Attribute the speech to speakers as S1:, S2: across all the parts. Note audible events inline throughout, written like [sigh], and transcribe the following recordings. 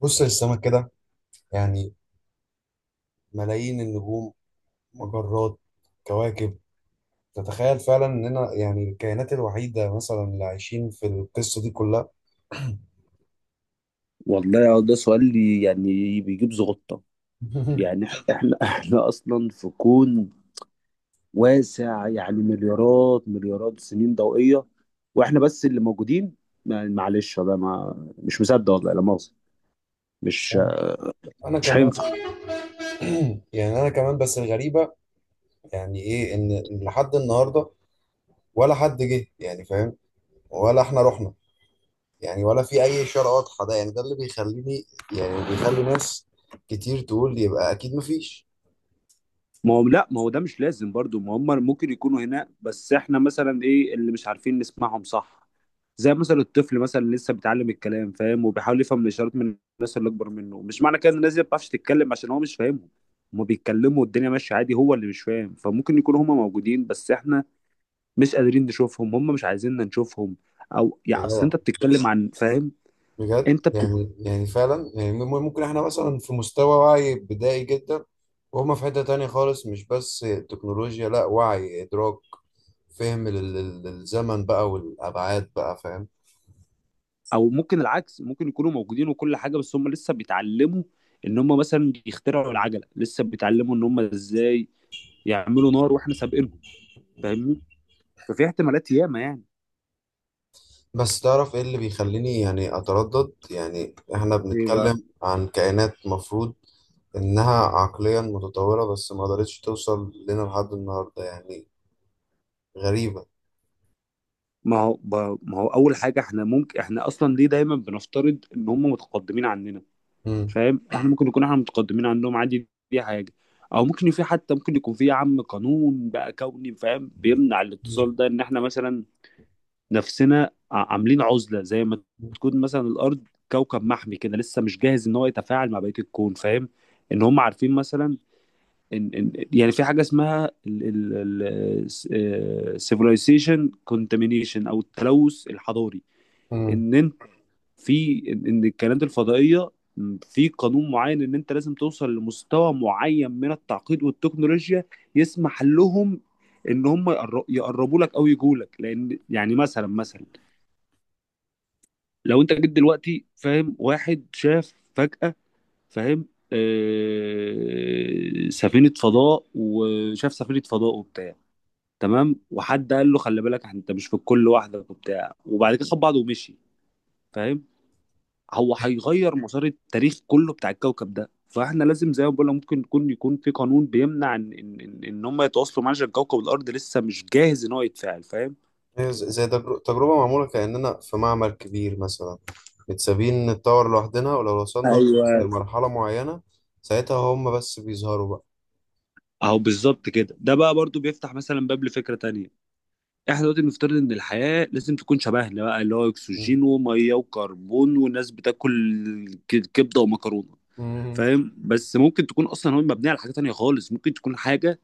S1: بص للسماء كده، يعني ملايين النجوم، مجرات، كواكب. تتخيل فعلا اننا يعني الكائنات الوحيدة مثلا اللي عايشين في القصة دي كلها؟
S2: والله ده سؤال يعني بيجيب زغطة.
S1: [laughs]
S2: يعني احنا [laughs] احنا اصلا في كون واسع، يعني مليارات مليارات السنين ضوئية، واحنا بس اللي موجودين. معلش، ده ما مش مصدق، والله لا مؤاخذة. مش
S1: انا
S2: مش
S1: كمان.
S2: هينفع.
S1: [clears throat] يعني انا كمان، بس الغريبة يعني ايه ان لحد النهاردة ولا حد جه، يعني فاهم، ولا احنا رحنا، يعني ولا في اي اشارة واضحة. ده يعني ده اللي بيخليني، يعني بيخلي ناس كتير تقول يبقى اكيد مفيش.
S2: ما هو لا، ما هو ده مش لازم برضو. ما هم ممكن يكونوا هنا، بس احنا مثلا ايه اللي مش عارفين نسمعهم؟ صح؟ زي مثلا الطفل مثلا لسه بيتعلم الكلام، فاهم، وبيحاول يفهم الاشارات من الناس اللي اكبر منه. مش معنى كده ان الناس دي ما بتعرفش تتكلم عشان هو مش فاهمهم. هما بيتكلموا والدنيا ماشيه عادي، هو اللي مش فاهم. فممكن يكونوا هما موجودين بس احنا مش قادرين نشوفهم، هما مش عايزيننا نشوفهم. او
S1: يا
S2: يعني اصل
S1: جدع
S2: انت بتتكلم عن فاهم.
S1: بجد،
S2: انت بت...
S1: يعني يعني فعلا يعني ممكن احنا مثلا في مستوى وعي بدائي جدا، وهم في حتة تانية خالص، مش بس تكنولوجيا، لا وعي، إدراك، فهم للزمن بقى والأبعاد، بقى فاهم.
S2: او ممكن العكس. ممكن يكونوا موجودين وكل حاجه، بس هما لسه بيتعلموا ان هما مثلا يخترعوا العجله، لسه بيتعلموا ان هما ازاي يعملوا نار واحنا سابقينهم. فاهمني؟ ففي احتمالات ياما.
S1: بس تعرف ايه اللي بيخليني يعني أتردد؟ يعني احنا
S2: يعني
S1: بنتكلم عن كائنات مفروض إنها عقليا متطورة، بس ما قدرتش توصل لنا لحد النهاردة. يعني غريبة.
S2: ما هو اول حاجه، احنا ممكن، احنا اصلا ليه دايما بنفترض ان هم متقدمين عننا؟
S1: مم.
S2: فاهم؟ احنا ممكن نكون احنا متقدمين عنهم عادي، دي حاجه. او ممكن في، حتى ممكن يكون في يا عم قانون بقى كوني، فاهم، بيمنع
S1: مم.
S2: الاتصال ده. ان احنا مثلا نفسنا عاملين عزله زي ما تكون مثلا الارض كوكب محمي كده، لسه مش جاهز ان هو يتفاعل مع بقيه الكون، فاهم. ان هم عارفين مثلا ان يعني في حاجه اسمها السيفلايزيشن كونتامينيشن او التلوث الحضاري.
S1: مم.
S2: ان انت، في ان إن الكائنات الفضائيه، في قانون معين ان انت لازم توصل لمستوى معين من التعقيد والتكنولوجيا يسمح لهم ان هم يقربوا لك او يجوا لك. لان يعني مثلا لو انت جيت دلوقتي، فاهم، واحد شاف فجأة، فاهم، آه سفينة فضاء، وشاف سفينة فضاء وبتاع، تمام، وحد قال له خلي بالك انت مش في الكل لوحدك وبتاع، وبعد كده خد بعضه ومشي، فاهم. هو هيغير مسار التاريخ كله بتاع الكوكب ده. فاحنا لازم، زي ما بقول لك، ممكن يكون في قانون بيمنع ان ان ان إن هم يتواصلوا معاه عشان كوكب الارض لسه مش جاهز ان هو يتفاعل، فاهم.
S1: هي زي تجربة معمولة، كأننا في معمل كبير مثلا، متسابين نتطور لوحدنا، ولو وصلنا
S2: ايوه.
S1: لمرحلة معينة ساعتها هم بس بيظهروا بقى.
S2: اهو بالظبط كده. ده بقى برضو بيفتح مثلا باب لفكره تانية. احنا دلوقتي بنفترض ان الحياه لازم تكون شبهنا بقى، اللي هو
S1: مم.
S2: اكسجين وميه وكربون، والناس بتاكل كبده ومكرونه،
S1: مم.
S2: فاهم. بس ممكن تكون اصلا هو مبنيه على حاجه تانية خالص، ممكن تكون حاجه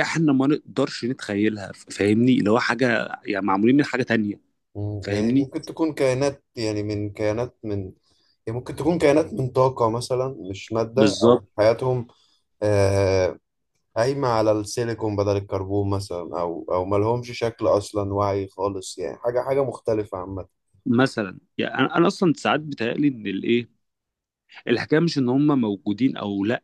S2: احنا ما نقدرش نتخيلها، فاهمني، اللي هو حاجه يعني معمولين من حاجه تانية.
S1: مم. يعني
S2: فاهمني؟
S1: ممكن تكون كائنات، يعني من كائنات من، يعني ممكن تكون كائنات من طاقة مثلا مش مادة،
S2: بالظبط.
S1: أو حياتهم آه، قايمة على السيليكون بدل الكربون مثلا، أو أو ملهمش شكل أصلا، وعي خالص، يعني حاجة حاجة مختلفة عامة.
S2: مثلا يعني انا اصلا ساعات بتهيألي ان الايه، الحكايه مش ان هم موجودين او لا،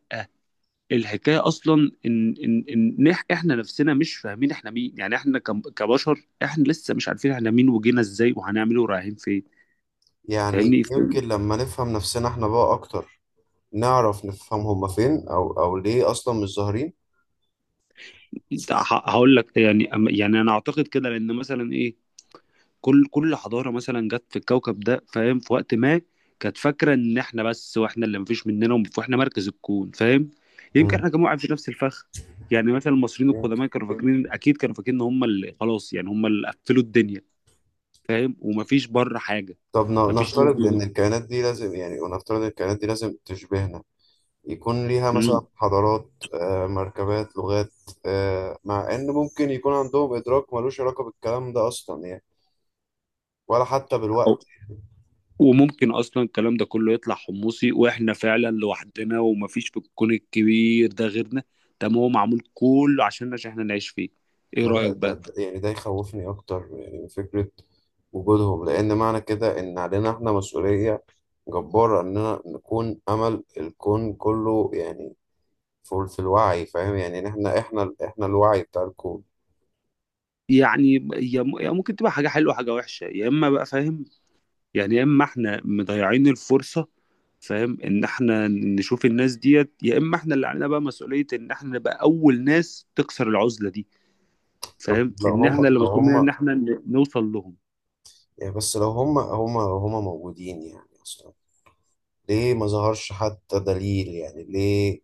S2: الحكايه اصلا احنا نفسنا مش فاهمين احنا مين. يعني احنا كبشر، احنا لسه مش عارفين احنا مين وجينا ازاي وهنعمله ورايحين فين.
S1: يعني
S2: فاهمني؟
S1: يمكن لما نفهم نفسنا احنا بقى أكتر نعرف نفهم هما فين، أو أو ليه أصلا مش ظاهرين.
S2: هقول لك يعني، يعني انا اعتقد كده لان مثلا ايه، كل حضاره مثلا جت في الكوكب ده، فاهم، في وقت ما كانت فاكره ان احنا بس، واحنا اللي مفيش مننا واحنا مركز الكون، فاهم. يمكن احنا كمان قاعدين في نفس الفخ. يعني مثلا المصريين
S1: مم.
S2: القدماء كانوا فاكرين، اكيد كانوا فاكرين ان هم اللي خلاص، يعني هم اللي قفلوا الدنيا، فاهم، ومفيش بره حاجه.
S1: طب
S2: مفيش ناس
S1: نفترض
S2: بيقول-
S1: إن الكائنات دي لازم، يعني ونفترض إن الكائنات دي لازم تشبهنا، يكون ليها مثلا
S2: مم.
S1: حضارات آه، مركبات، لغات آه، مع إن ممكن يكون عندهم إدراك ملوش علاقة بالكلام ده أصلا، يعني ولا حتى بالوقت.
S2: أو- وممكن اصلا الكلام ده كله يطلع حمصي، واحنا فعلا لوحدنا ومفيش في الكون الكبير ده غيرنا. ده ما هو معمول كله عشان احنا نعيش فيه. ايه
S1: ما ده,
S2: رايك
S1: ده
S2: بقى؟
S1: ده- يعني ده يخوفني أكتر يعني من فكرة وجودهم، لأن معنى كده إن علينا إحنا مسؤولية جبارة إننا نكون أمل الكون كله، يعني في في الوعي، فاهم يعني إن إحنا الوعي بتاع الكون.
S2: يعني هي ممكن تبقى حاجة حلوة، حاجة وحشة، يا إما بقى، فاهم، يعني يا إما إحنا مضيعين الفرصة، فاهم، إن إحنا نشوف الناس ديت، يا إما إحنا اللي علينا بقى مسؤولية إن إحنا نبقى أول ناس تكسر العزلة دي،
S1: طب
S2: فاهم،
S1: لو
S2: إن
S1: هم
S2: إحنا اللي
S1: لو
S2: مطلوب مننا
S1: هم
S2: إن إحنا نوصل لهم.
S1: يعني بس لو هم موجودين يعني اصلا، ليه ما ظهرش حتى دليل؟ يعني ليه؟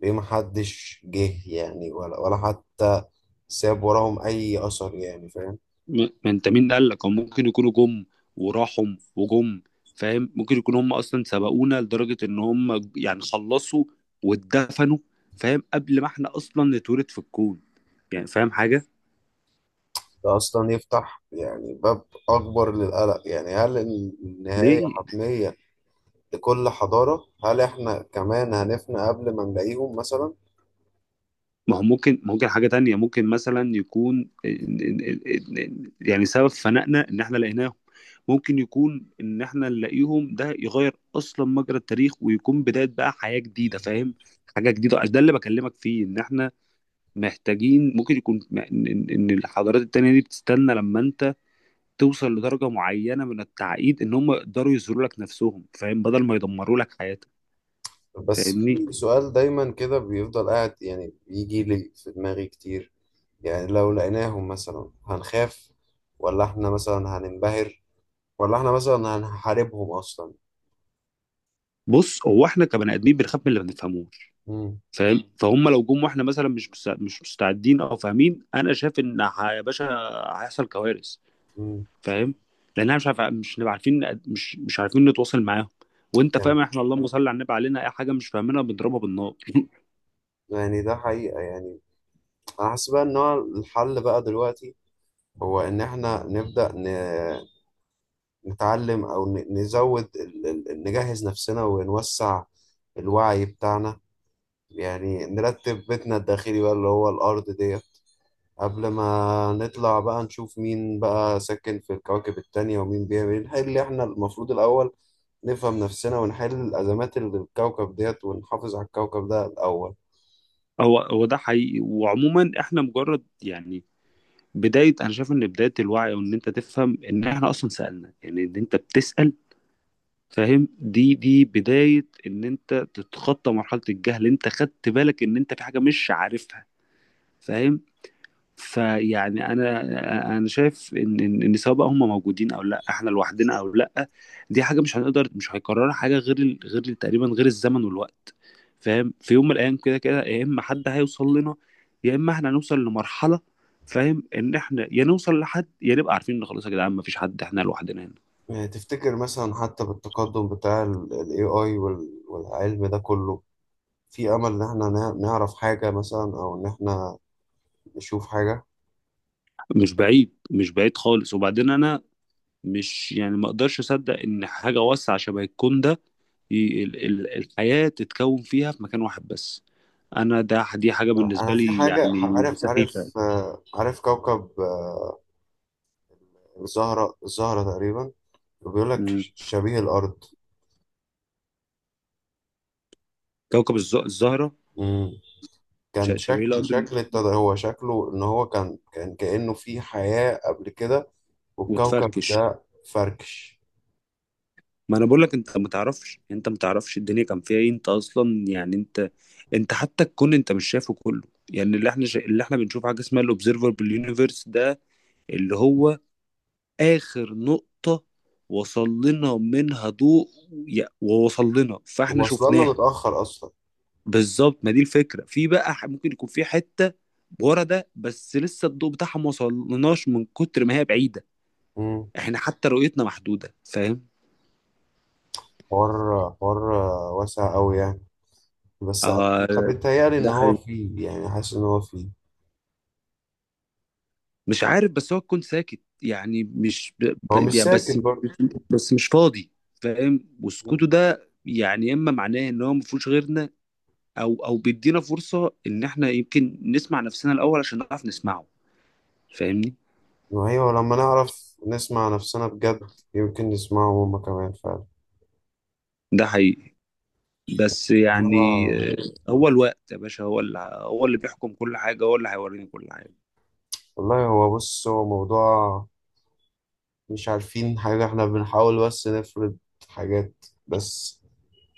S1: ليه ما حدش جه؟ يعني ولا ولا حتى ساب وراهم اي اثر، يعني فاهم.
S2: ما أنت مين قال لك، هم ممكن يكونوا جم وراحوا وجم، فاهم. ممكن يكونوا هم أصلا سبقونا لدرجة إن هم يعني خلصوا واتدفنوا، فاهم، قبل ما إحنا أصلا نتولد في الكون. يعني فاهم حاجة؟
S1: ده اصلا يفتح يعني باب اكبر للقلق. يعني هل النهاية
S2: ليه؟
S1: حتمية لكل حضارة؟ هل احنا كمان هنفنى قبل ما نلاقيهم مثلا؟
S2: ما هو ممكن، حاجة تانية. ممكن مثلا يكون يعني سبب فنائنا ان احنا لقيناهم. ممكن يكون ان احنا نلاقيهم ده يغير اصلا مجرى التاريخ ويكون بداية بقى حياة جديدة، فاهم، حاجة جديدة. ده اللي بكلمك فيه ان احنا محتاجين. ممكن يكون إن الحضارات التانية دي بتستنى لما انت توصل لدرجة معينة من التعقيد ان هم يقدروا يظهروا لك نفسهم، فاهم، بدل ما يدمروا لك حياتك.
S1: بس
S2: فاهمني؟
S1: في سؤال دايما كده بيفضل قاعد، يعني بيجي لي في دماغي كتير. يعني لو لقيناهم مثلا هنخاف، ولا احنا مثلا هننبهر، ولا احنا مثلا هنحاربهم اصلا؟
S2: بص، هو احنا كبني ادمين بنخاف من اللي ما بنفهموش،
S1: مم.
S2: فاهم. مم. فهم لو جم واحنا مثلا مش مستعدين او فاهمين، انا شايف ان يا باشا هيحصل كوارث،
S1: مم.
S2: فاهم، لان احنا مش نبقى عارفين، مش عارفين نتواصل معاهم. وانت
S1: يعني
S2: فاهم، احنا اللهم صل على النبي، علينا اي حاجه مش فاهمينها بنضربها بالنار. [laughs]
S1: يعني ده حقيقة، يعني انا حاسس بقى ان هو الحل بقى دلوقتي هو ان احنا نبدأ نتعلم، او نزود نجهز نفسنا ونوسع الوعي بتاعنا. يعني نرتب بيتنا الداخلي بقى اللي هو الارض ديت قبل ما نطلع بقى نشوف مين بقى ساكن في الكواكب التانية ومين بيعمل ايه. نحل احنا المفروض الأول، نفهم نفسنا ونحل الأزمات اللي في الكوكب ديت ونحافظ على الكوكب ده الأول.
S2: هو ده حقيقي. وعموما احنا مجرد يعني بدايه، انا شايف ان بدايه الوعي، وان انت تفهم ان احنا اصلا سالنا، يعني ان انت بتسال، فاهم، دي بدايه ان انت تتخطى مرحله الجهل. انت خدت بالك ان انت في حاجه مش عارفها، فاهم. فيعني انا شايف ان إن سواء بقى هم موجودين او لا، احنا لوحدنا او لا، دي حاجه مش هنقدر، مش هيكررها حاجه، غير تقريبا غير الزمن والوقت، فاهم. في يوم من الايام كده كده، يا اما حد هيوصل لنا، يا اما احنا هنوصل لمرحله، فاهم، ان احنا يا نوصل لحد يا نبقى عارفين ان خلاص يا جدعان مفيش حد، احنا لوحدنا هنا.
S1: يعني تفتكر مثلا حتى بالتقدم بتاع ال AI والعلم ده كله في أمل إن احنا نعرف حاجة مثلا، أو إن احنا نشوف حاجة؟
S2: مش بعيد، مش بعيد خالص. وبعدين انا مش يعني، ما اقدرش اصدق ان حاجه واسعه شبه الكون ده الحياه تتكون فيها في مكان واحد بس. انا ده، حاجه بالنسبه
S1: أنا في
S2: لي
S1: حاجة،
S2: يعني
S1: عارف
S2: سخيفه.
S1: آه، عارف كوكب آه، الزهرة تقريبا، بيقول لك
S2: مم.
S1: شبيه الأرض.
S2: كوكب الزهره.
S1: كان
S2: شبيه
S1: شكل
S2: الارض.
S1: شكل ابتدى هو شكله ان هو كان كأنه في حياة قبل كده، والكوكب
S2: وتفركش.
S1: ده فركش.
S2: ما انا بقول لك، انت ما تعرفش، انت ما تعرفش الدنيا كان فيها ايه. انت اصلا يعني انت حتى الكون انت مش شايفه كله. يعني اللي احنا بنشوف حاجه اسمها الاوبزرفبل يونيفرس ده، اللي هو آخر نقطة وصل لنا منها ضوء، ووصل لنا فاحنا
S1: وصل لنا
S2: شفناها.
S1: متأخر اصلا.
S2: بالظبط. ما دي الفكرة. في بقى ممكن يكون في حتة ورا ده بس لسه الضوء بتاعها ما وصلناش من كتر ما هي بعيدة.
S1: مم.
S2: احنا حتى رؤيتنا محدودة، فاهم.
S1: حوار، حوار واسع قوي يعني. بس
S2: آه،
S1: بيتهيألي ان
S2: ده
S1: هو
S2: حقيقي.
S1: فيه، يعني حاسس ان هو فيه.
S2: مش عارف بس هو كنت ساكت يعني مش ب...
S1: هو مش
S2: ب... يعني
S1: ساكت برضه.
S2: بس مش فاضي، فاهم. وسكوته ده يعني يا اما معناه ان هو ما فيهوش غيرنا، او بيدينا فرصه ان احنا يمكن نسمع نفسنا الاول عشان نعرف نسمعه، فاهمني.
S1: ما هي لما نعرف نسمع نفسنا بجد يمكن نسمعه هما كمان فعلا.
S2: ده حقيقي. بس يعني،
S1: آه
S2: آه، هو الوقت يا باشا، هو اللي بيحكم كل حاجه، هو اللي هيوريني كل حاجه.
S1: والله. هو بص هو موضوع مش عارفين حاجة، احنا بنحاول بس نفرض حاجات بس.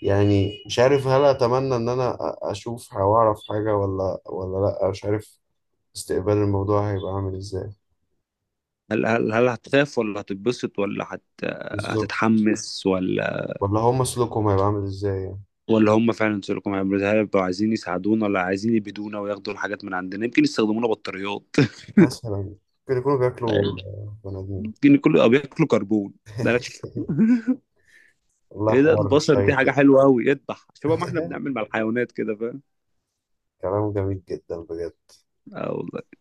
S1: يعني مش عارف هل اتمنى ان انا اشوف او اعرف حاجه، ولا ولا لا مش عارف استقبال الموضوع هيبقى عامل ازاي.
S2: هل هتخاف ولا هتتبسط ولا هت
S1: بالظبط.
S2: هتتحمس
S1: ولا هم سلوكهم هيبقى عامل ازاي يعني؟
S2: ولا هم فعلا سيليكون؟ هل هيبقوا عايزين يساعدونا ولا عايزين يبيدونا وياخدوا الحاجات من عندنا؟ يمكن يستخدمونا بطاريات.
S1: مثلا
S2: [laughs]
S1: ممكن يكونوا بياكلوا آه، بني ادمين.
S2: يمكن كله بياكلوا كربون. [laughs] ده أنا-
S1: والله
S2: ايه ده،
S1: حوار
S2: البشر دي
S1: شيق
S2: حاجة
S1: جدا.
S2: حلوة أوي، اذبح شبه ما احنا بنعمل
S1: [laughs]
S2: مع الحيوانات كده، فاهم.
S1: كلام جميل جدا بجد.
S2: اه، والله.